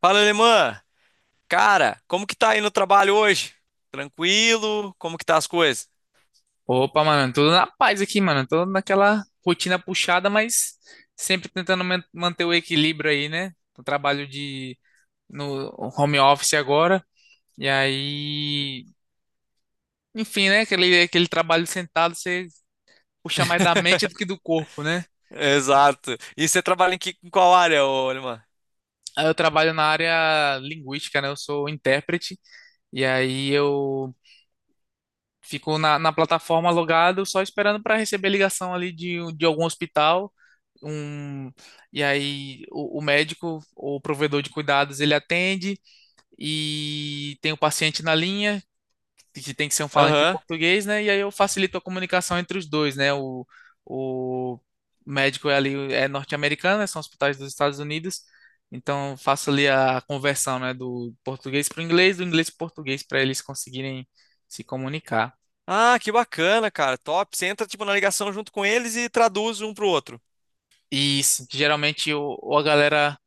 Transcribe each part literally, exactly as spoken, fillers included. Fala, alemã! Cara, como que tá aí no trabalho hoje? Tranquilo? Como que tá as coisas? Opa, mano, tudo na paz aqui, mano. Tô naquela rotina puxada, mas sempre tentando man- manter o equilíbrio aí, né? Eu trabalho de no home office agora, e aí, enfim, né? Aquele, aquele trabalho sentado, você puxa mais da mente do que do corpo, né? Exato. E você trabalha em, que, em qual área, ô, alemã? Aí eu trabalho na área linguística, né? Eu sou intérprete, e aí eu ficou na, na plataforma logado, só esperando para receber ligação ali de, um- de algum hospital. Um, e aí o, o médico ou o provedor de cuidados, ele atende e tem o paciente na linha, que tem que ser um falante de Aham. português, né? E aí eu facilito a comunicação entre os dois, né? O, o médico é ali é norte-americano, né? São hospitais dos Estados Unidos. Então eu faço ali a conversão, né, do português para o inglês, do inglês para o português, para eles conseguirem se comunicar. Ah, que bacana, cara. Top. Você entra, tipo, na ligação junto com eles e traduz um pro outro. Isso, geralmente o, ou a galera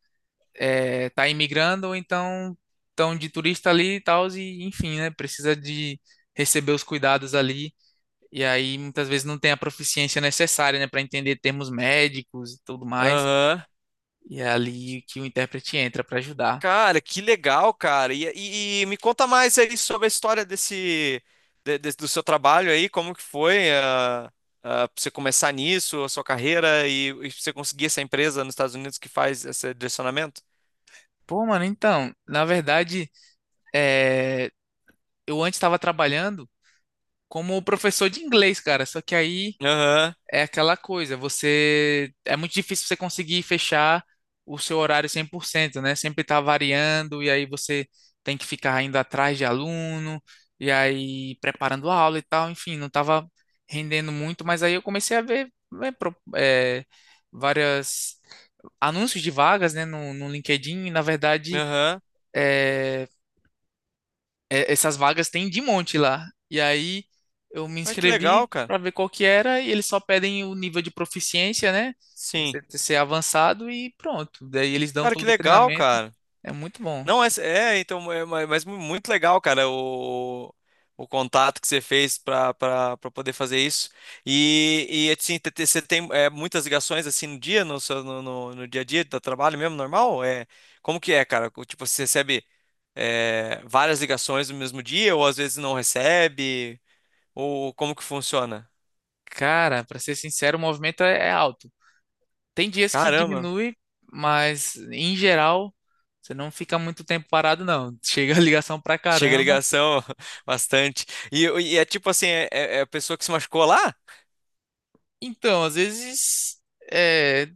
é, tá imigrando, ou então estão de turista ali e tal, e enfim, né? Precisa de receber os cuidados ali. E aí muitas vezes não tem a proficiência necessária, né, para entender termos médicos e tudo mais. Aham. E é ali que o intérprete entra para ajudar. Cara, que legal, cara. E, e- e me conta mais aí sobre a história desse, de- de- do seu trabalho aí, como que foi, ah, ah, pra você começar nisso, a sua carreira e, e você conseguir essa empresa nos Estados Unidos que faz esse direcionamento? Pô, mano, então, na verdade, é, eu antes estava trabalhando como professor de inglês, cara, só que aí Aham, é aquela coisa, você é muito difícil você conseguir fechar o seu horário cem por cento, né? Sempre tá variando e aí você tem que ficar indo atrás de aluno e aí preparando a aula e tal, enfim, não tava rendendo muito, mas aí eu comecei a ver, né, pro- é, várias anúncios de vagas, né, no, no LinkedIn, e na verdade aham. é, é, essas vagas tem de monte lá. E aí eu me Ah, que legal, inscrevi cara. para ver qual que era, e eles só pedem o nível de proficiência, né? Sim. Você ter- ser avançado e pronto. Daí eles dão Cara, que todo o legal, treinamento. cara. É muito bom. Não, é, é então, é, ma- mas mu- muito legal, cara, o, o contato que você fez pra, pra, pra poder fazer isso. E, e assim, te- te- você tem é, muitas ligações assim no dia, no, seu, no, no, no dia a dia do trabalho mesmo, normal? É, como que é, cara? O, tipo, você recebe é, várias ligações no mesmo dia, ou às vezes não recebe, ou como que funciona? Cara, para ser sincero, o movimento é é alto. Tem dias que Caramba. diminui, mas em geral você não fica muito tempo parado, não. Chega a ligação pra Chega a caramba. ligação bastante. E, e é tipo assim, é, é é a pessoa que se machucou lá? Então, às vezes, é,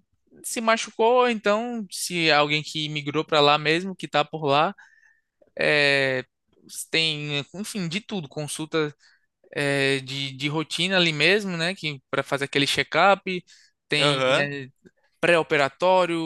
se machucou, então se alguém que migrou pra lá mesmo, que tá por lá, É, tem, enfim, de tudo, consulta é, de, de rotina ali mesmo, né? Que para fazer aquele check-up, tem, Aham. é, pré-operatório,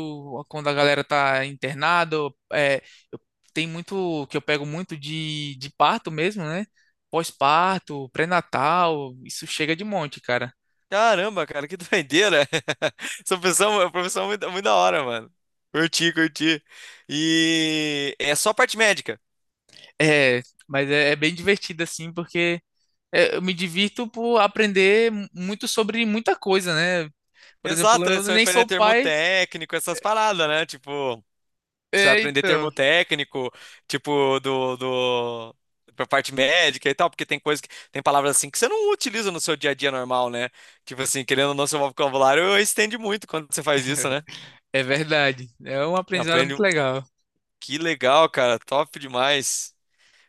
quando a galera tá internada, é, eu- tem muito que eu pego muito de, de parto mesmo, né? Pós-parto, pré-natal, isso chega de monte, cara. Caramba, cara, que doideira. Essa pessoa, é uma profissão muito, muito da hora, mano. Curti, curti. E é só parte médica. É, mas é, é bem divertido assim, porque é, eu me divirto por aprender mu- muito sobre muita coisa, né? Por exemplo, Exato, é eu só nem aprender sou pai. termotécnico, essas paradas, né? Tipo, precisa É, aprender então, termo técnico, tipo, do, do, pra parte médica e tal, porque tem coisa que, tem palavras assim que você não utiliza no seu dia a dia normal, né? Tipo assim, querendo ou não, seu vocabulário estende muito quando você faz isso, né? é verdade. É um aprendizado muito Aprende. legal. Que legal, cara, top demais.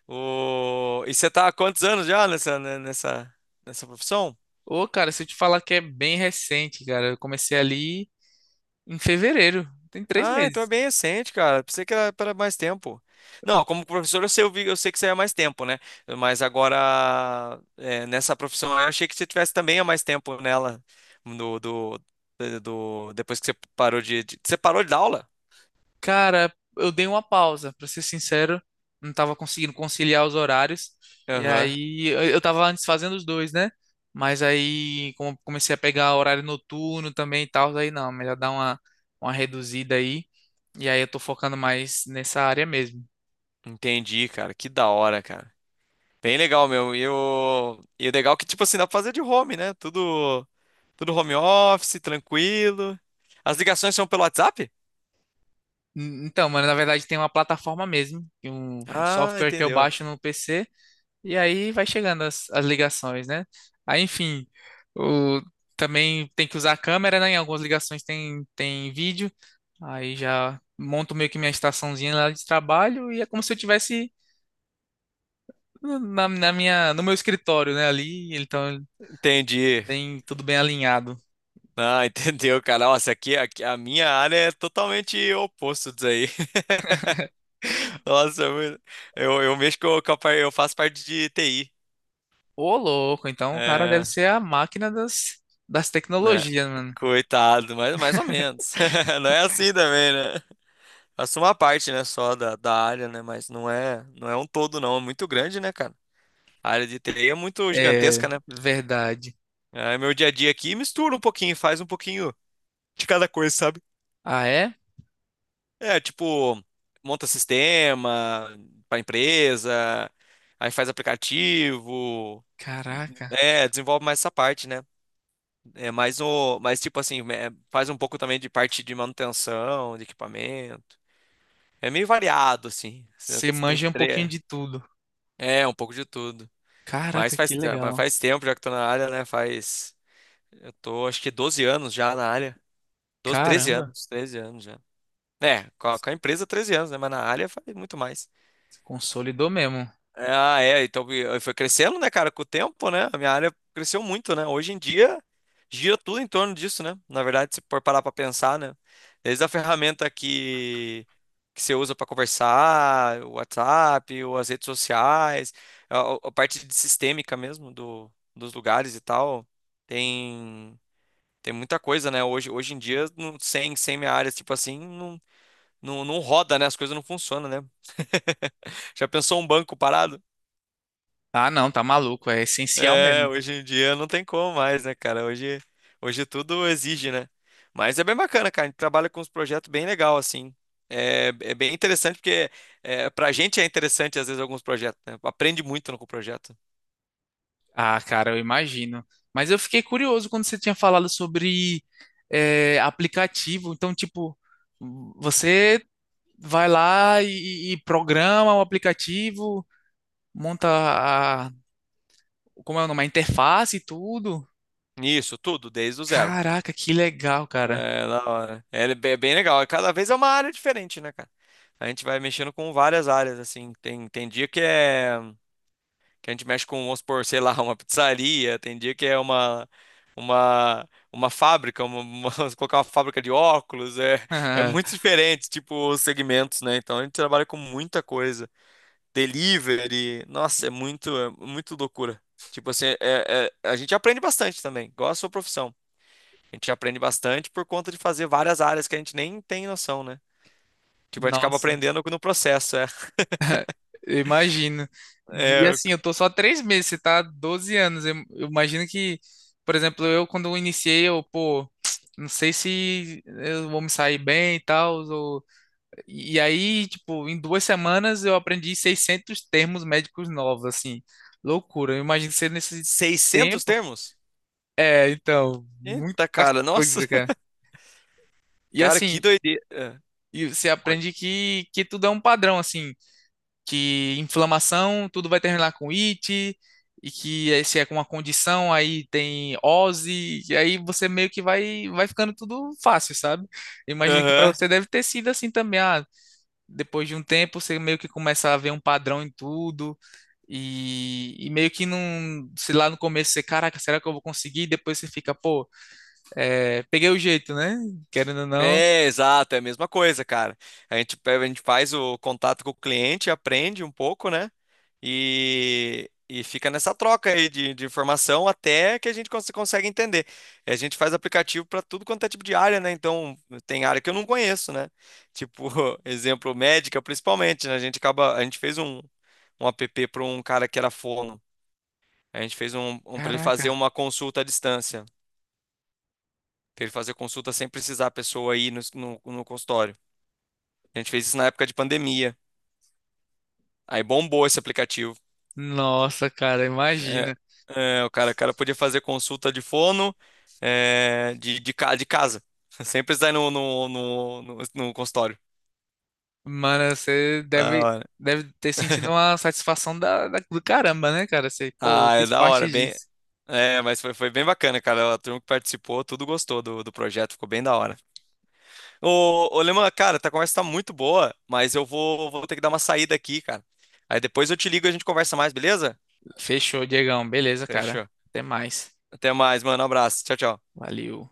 O... E você tá há quantos anos já nessa, né, nessa, nessa profissão? Ô, cara, se eu te falar que é bem recente, cara, eu comecei ali em fevereiro, tem três Ah, então é meses. bem recente, cara. Pensei que era para mais tempo. Não, como professor eu sei, eu vi- eu sei que você é mais tempo, né? Mas agora, é, nessa profissão, eu achei que você tivesse também há mais tempo nela. Do, do, do- Depois que você parou de, de- Você parou de dar aula? Cara, eu dei uma pausa, pra ser sincero, não tava conseguindo conciliar os horários. E Aham. aí, eu eu tava antes fazendo os dois, né? Mas aí, como eu comecei a pegar horário noturno também e tal, aí não, melhor dar uma, uma, reduzida aí. E aí, eu tô focando mais nessa área mesmo. Entendi, cara. Que da hora, cara. Bem legal, meu. E o, e o legal é que, tipo assim, dá pra fazer de home, né? Tudo, tudo home office, tranquilo. As ligações são pelo WhatsApp? N- Então, mano, na verdade tem uma plataforma mesmo, que um, um Ah, software que eu entendeu. baixo no P C, e aí vai chegando as, as ligações, né? Aí, enfim, o, também tem que usar a câmera, né? Em algumas ligações, tem, tem vídeo, aí já monto meio que minha estaçãozinha lá de trabalho, e é como se eu tivesse na, na minha, no meu escritório, né? Ali, então, Entendi. bem, tudo bem alinhado. Ah, entendeu, cara. Nossa, aqui, aqui a minha área é totalmente oposto disso aí. Nossa, eu, eu, eu mexo com, com a, par- eu faço parte de T I. Ô, louco, então o cara deve É, ser a máquina das, das né? tecnologias, mano. Coitado, mas mais ou menos. Não é assim também, né? Faço uma parte, né, só da, da área, né? Mas não é, não é um todo, não. É muito grande, né, cara? A área de T I é muito gigantesca, É, né? verdade. É, meu dia a dia aqui mistura um pouquinho, faz um pouquinho de cada coisa, sabe? Ah, é? É, tipo, monta sistema para empresa, aí faz aplicativo, Caraca, é, desenvolve mais essa parte, né? É mais o, mas tipo assim, é, faz um pouco também de parte de manutenção, de equipamento. É meio variado assim. Você você Tem manja um pouquinho tre- de tudo. é, um pouco de tudo. Mas Caraca, que faz, é, legal. faz tempo já que tô na área, né? Faz, eu tô acho que doze anos já na área. doze treze Caramba, anos, treze anos já. É, com a, com a empresa treze anos, né? Mas na área faz muito mais. consolidou mesmo. Ah, é, então e- e foi crescendo, né, cara, com o tempo, né? A minha área cresceu muito, né? Hoje em dia gira tudo em torno disso, né? Na verdade, se for parar para pensar, né? Desde a ferramenta que que você usa para conversar, o WhatsApp, ou as redes sociais, a, a- a parte de sistêmica mesmo do, dos lugares e tal, tem tem muita coisa, né? Hoje hoje em dia, não, sem sem minha área, tipo assim, não, não, não roda, né? As coisas não funcionam, né? Já pensou um banco parado? Ah, não, tá maluco, é essencial É, mesmo. hoje em dia não tem como mais, né, cara? Hoje, hoje tudo exige, né? Mas é bem bacana, cara. A gente trabalha com uns projetos bem legal, assim. É, é bem interessante, porque é, pra gente é interessante, às vezes, alguns projetos, né? Aprende muito com o projeto. Ah, cara, eu imagino. Mas eu fiquei curioso quando você tinha falado sobre eh, aplicativo. Então, tipo, você vai lá e, e programa o aplicativo, monta a, como é o nome, a interface e tudo. Isso, tudo, desde o zero. Caraca, que legal, cara. É, da hora. É, ele- é bem legal. Cada vez é uma área diferente, né, cara? A gente vai mexendo com várias áreas, assim. Tem, tem dia que é, que a gente mexe com, vamos supor, sei lá, uma pizzaria, tem dia que é uma, uma, uma fábrica, uma, uma- colocar uma fábrica de óculos, é, é muito diferente, tipo, os segmentos, né? Então a gente trabalha com muita coisa. Delivery, nossa, é muito, é muito loucura. Tipo assim, é, é- a gente aprende bastante também, igual a sua profissão. A gente aprende bastante por conta de fazer várias áreas que a gente nem tem noção, né? Tipo, a gente acaba Nossa. aprendendo no processo, é. Eu imagino. E É, assim, eu tô só três meses, você tá há doze anos. Eu, eu imagino que, por exemplo, eu quando eu iniciei, eu, pô, não sei se eu vou me sair bem e tal. Ou... E aí, tipo, em duas semanas eu aprendi seiscentos termos médicos novos, assim. Loucura. Eu imagino que você nesse seiscentos tempo. termos? É, então, muita Eita, cara, nossa. coisa, cara. E Cara, que assim, doideira. Ah, e você oi. aprende que, que tudo é um padrão, assim. Que inflamação, tudo vai terminar com it, e que aí, se é com uma condição, aí tem ose, e aí você meio que vai, vai ficando tudo fácil, sabe? Imagino que para Aham. você deve ter sido assim também. Ah, depois de um tempo você meio que começa a ver um padrão em tudo, e, e meio que não, sei lá, no começo você, caraca, será que eu vou conseguir? E depois você fica, pô, é, peguei o jeito, né? Querendo ou não, É, exato, é a mesma coisa, cara. A gente, pe- a gente faz o contato com o cliente, aprende um pouco, né? E, e fica nessa troca aí de, de informação até que a gente cons- consegue entender. E a gente faz aplicativo para tudo quanto é tipo de área, né? Então, tem área que eu não conheço, né? Tipo, exemplo, médica, principalmente, né? A gente acaba, a gente fez um, um app para um cara que era fono. A gente fez um, um para ele fazer caraca. uma consulta à distância, que ele fazia consulta sem precisar a pessoa ir no, no, no consultório. A gente fez isso na época de pandemia. Aí bombou esse aplicativo. Nossa, cara, É, imagina. é, o cara, o cara podia fazer consulta de fono, é, de, de, ca- de casa, sem precisar ir no, no, no, no, no consultório. Mano, você Da deve, hora. deve ter sentido uma satisfação da, da- do caramba, né, cara? Você, pô, eu Ah, é fiz da parte hora, bem. disso. É, mas foi, foi bem bacana, cara. A turma que participou, tudo gostou do, do projeto, ficou bem da hora. Ô, ô Leman, cara, tá, a conversa tá muito boa, mas eu vou, vou ter que dar uma saída aqui, cara. Aí depois eu te ligo e a gente conversa mais, beleza? Fechou, Diegão. Beleza, cara. Fechou. Até mais. Até mais, mano. Um abraço. Tchau, tchau. Valeu.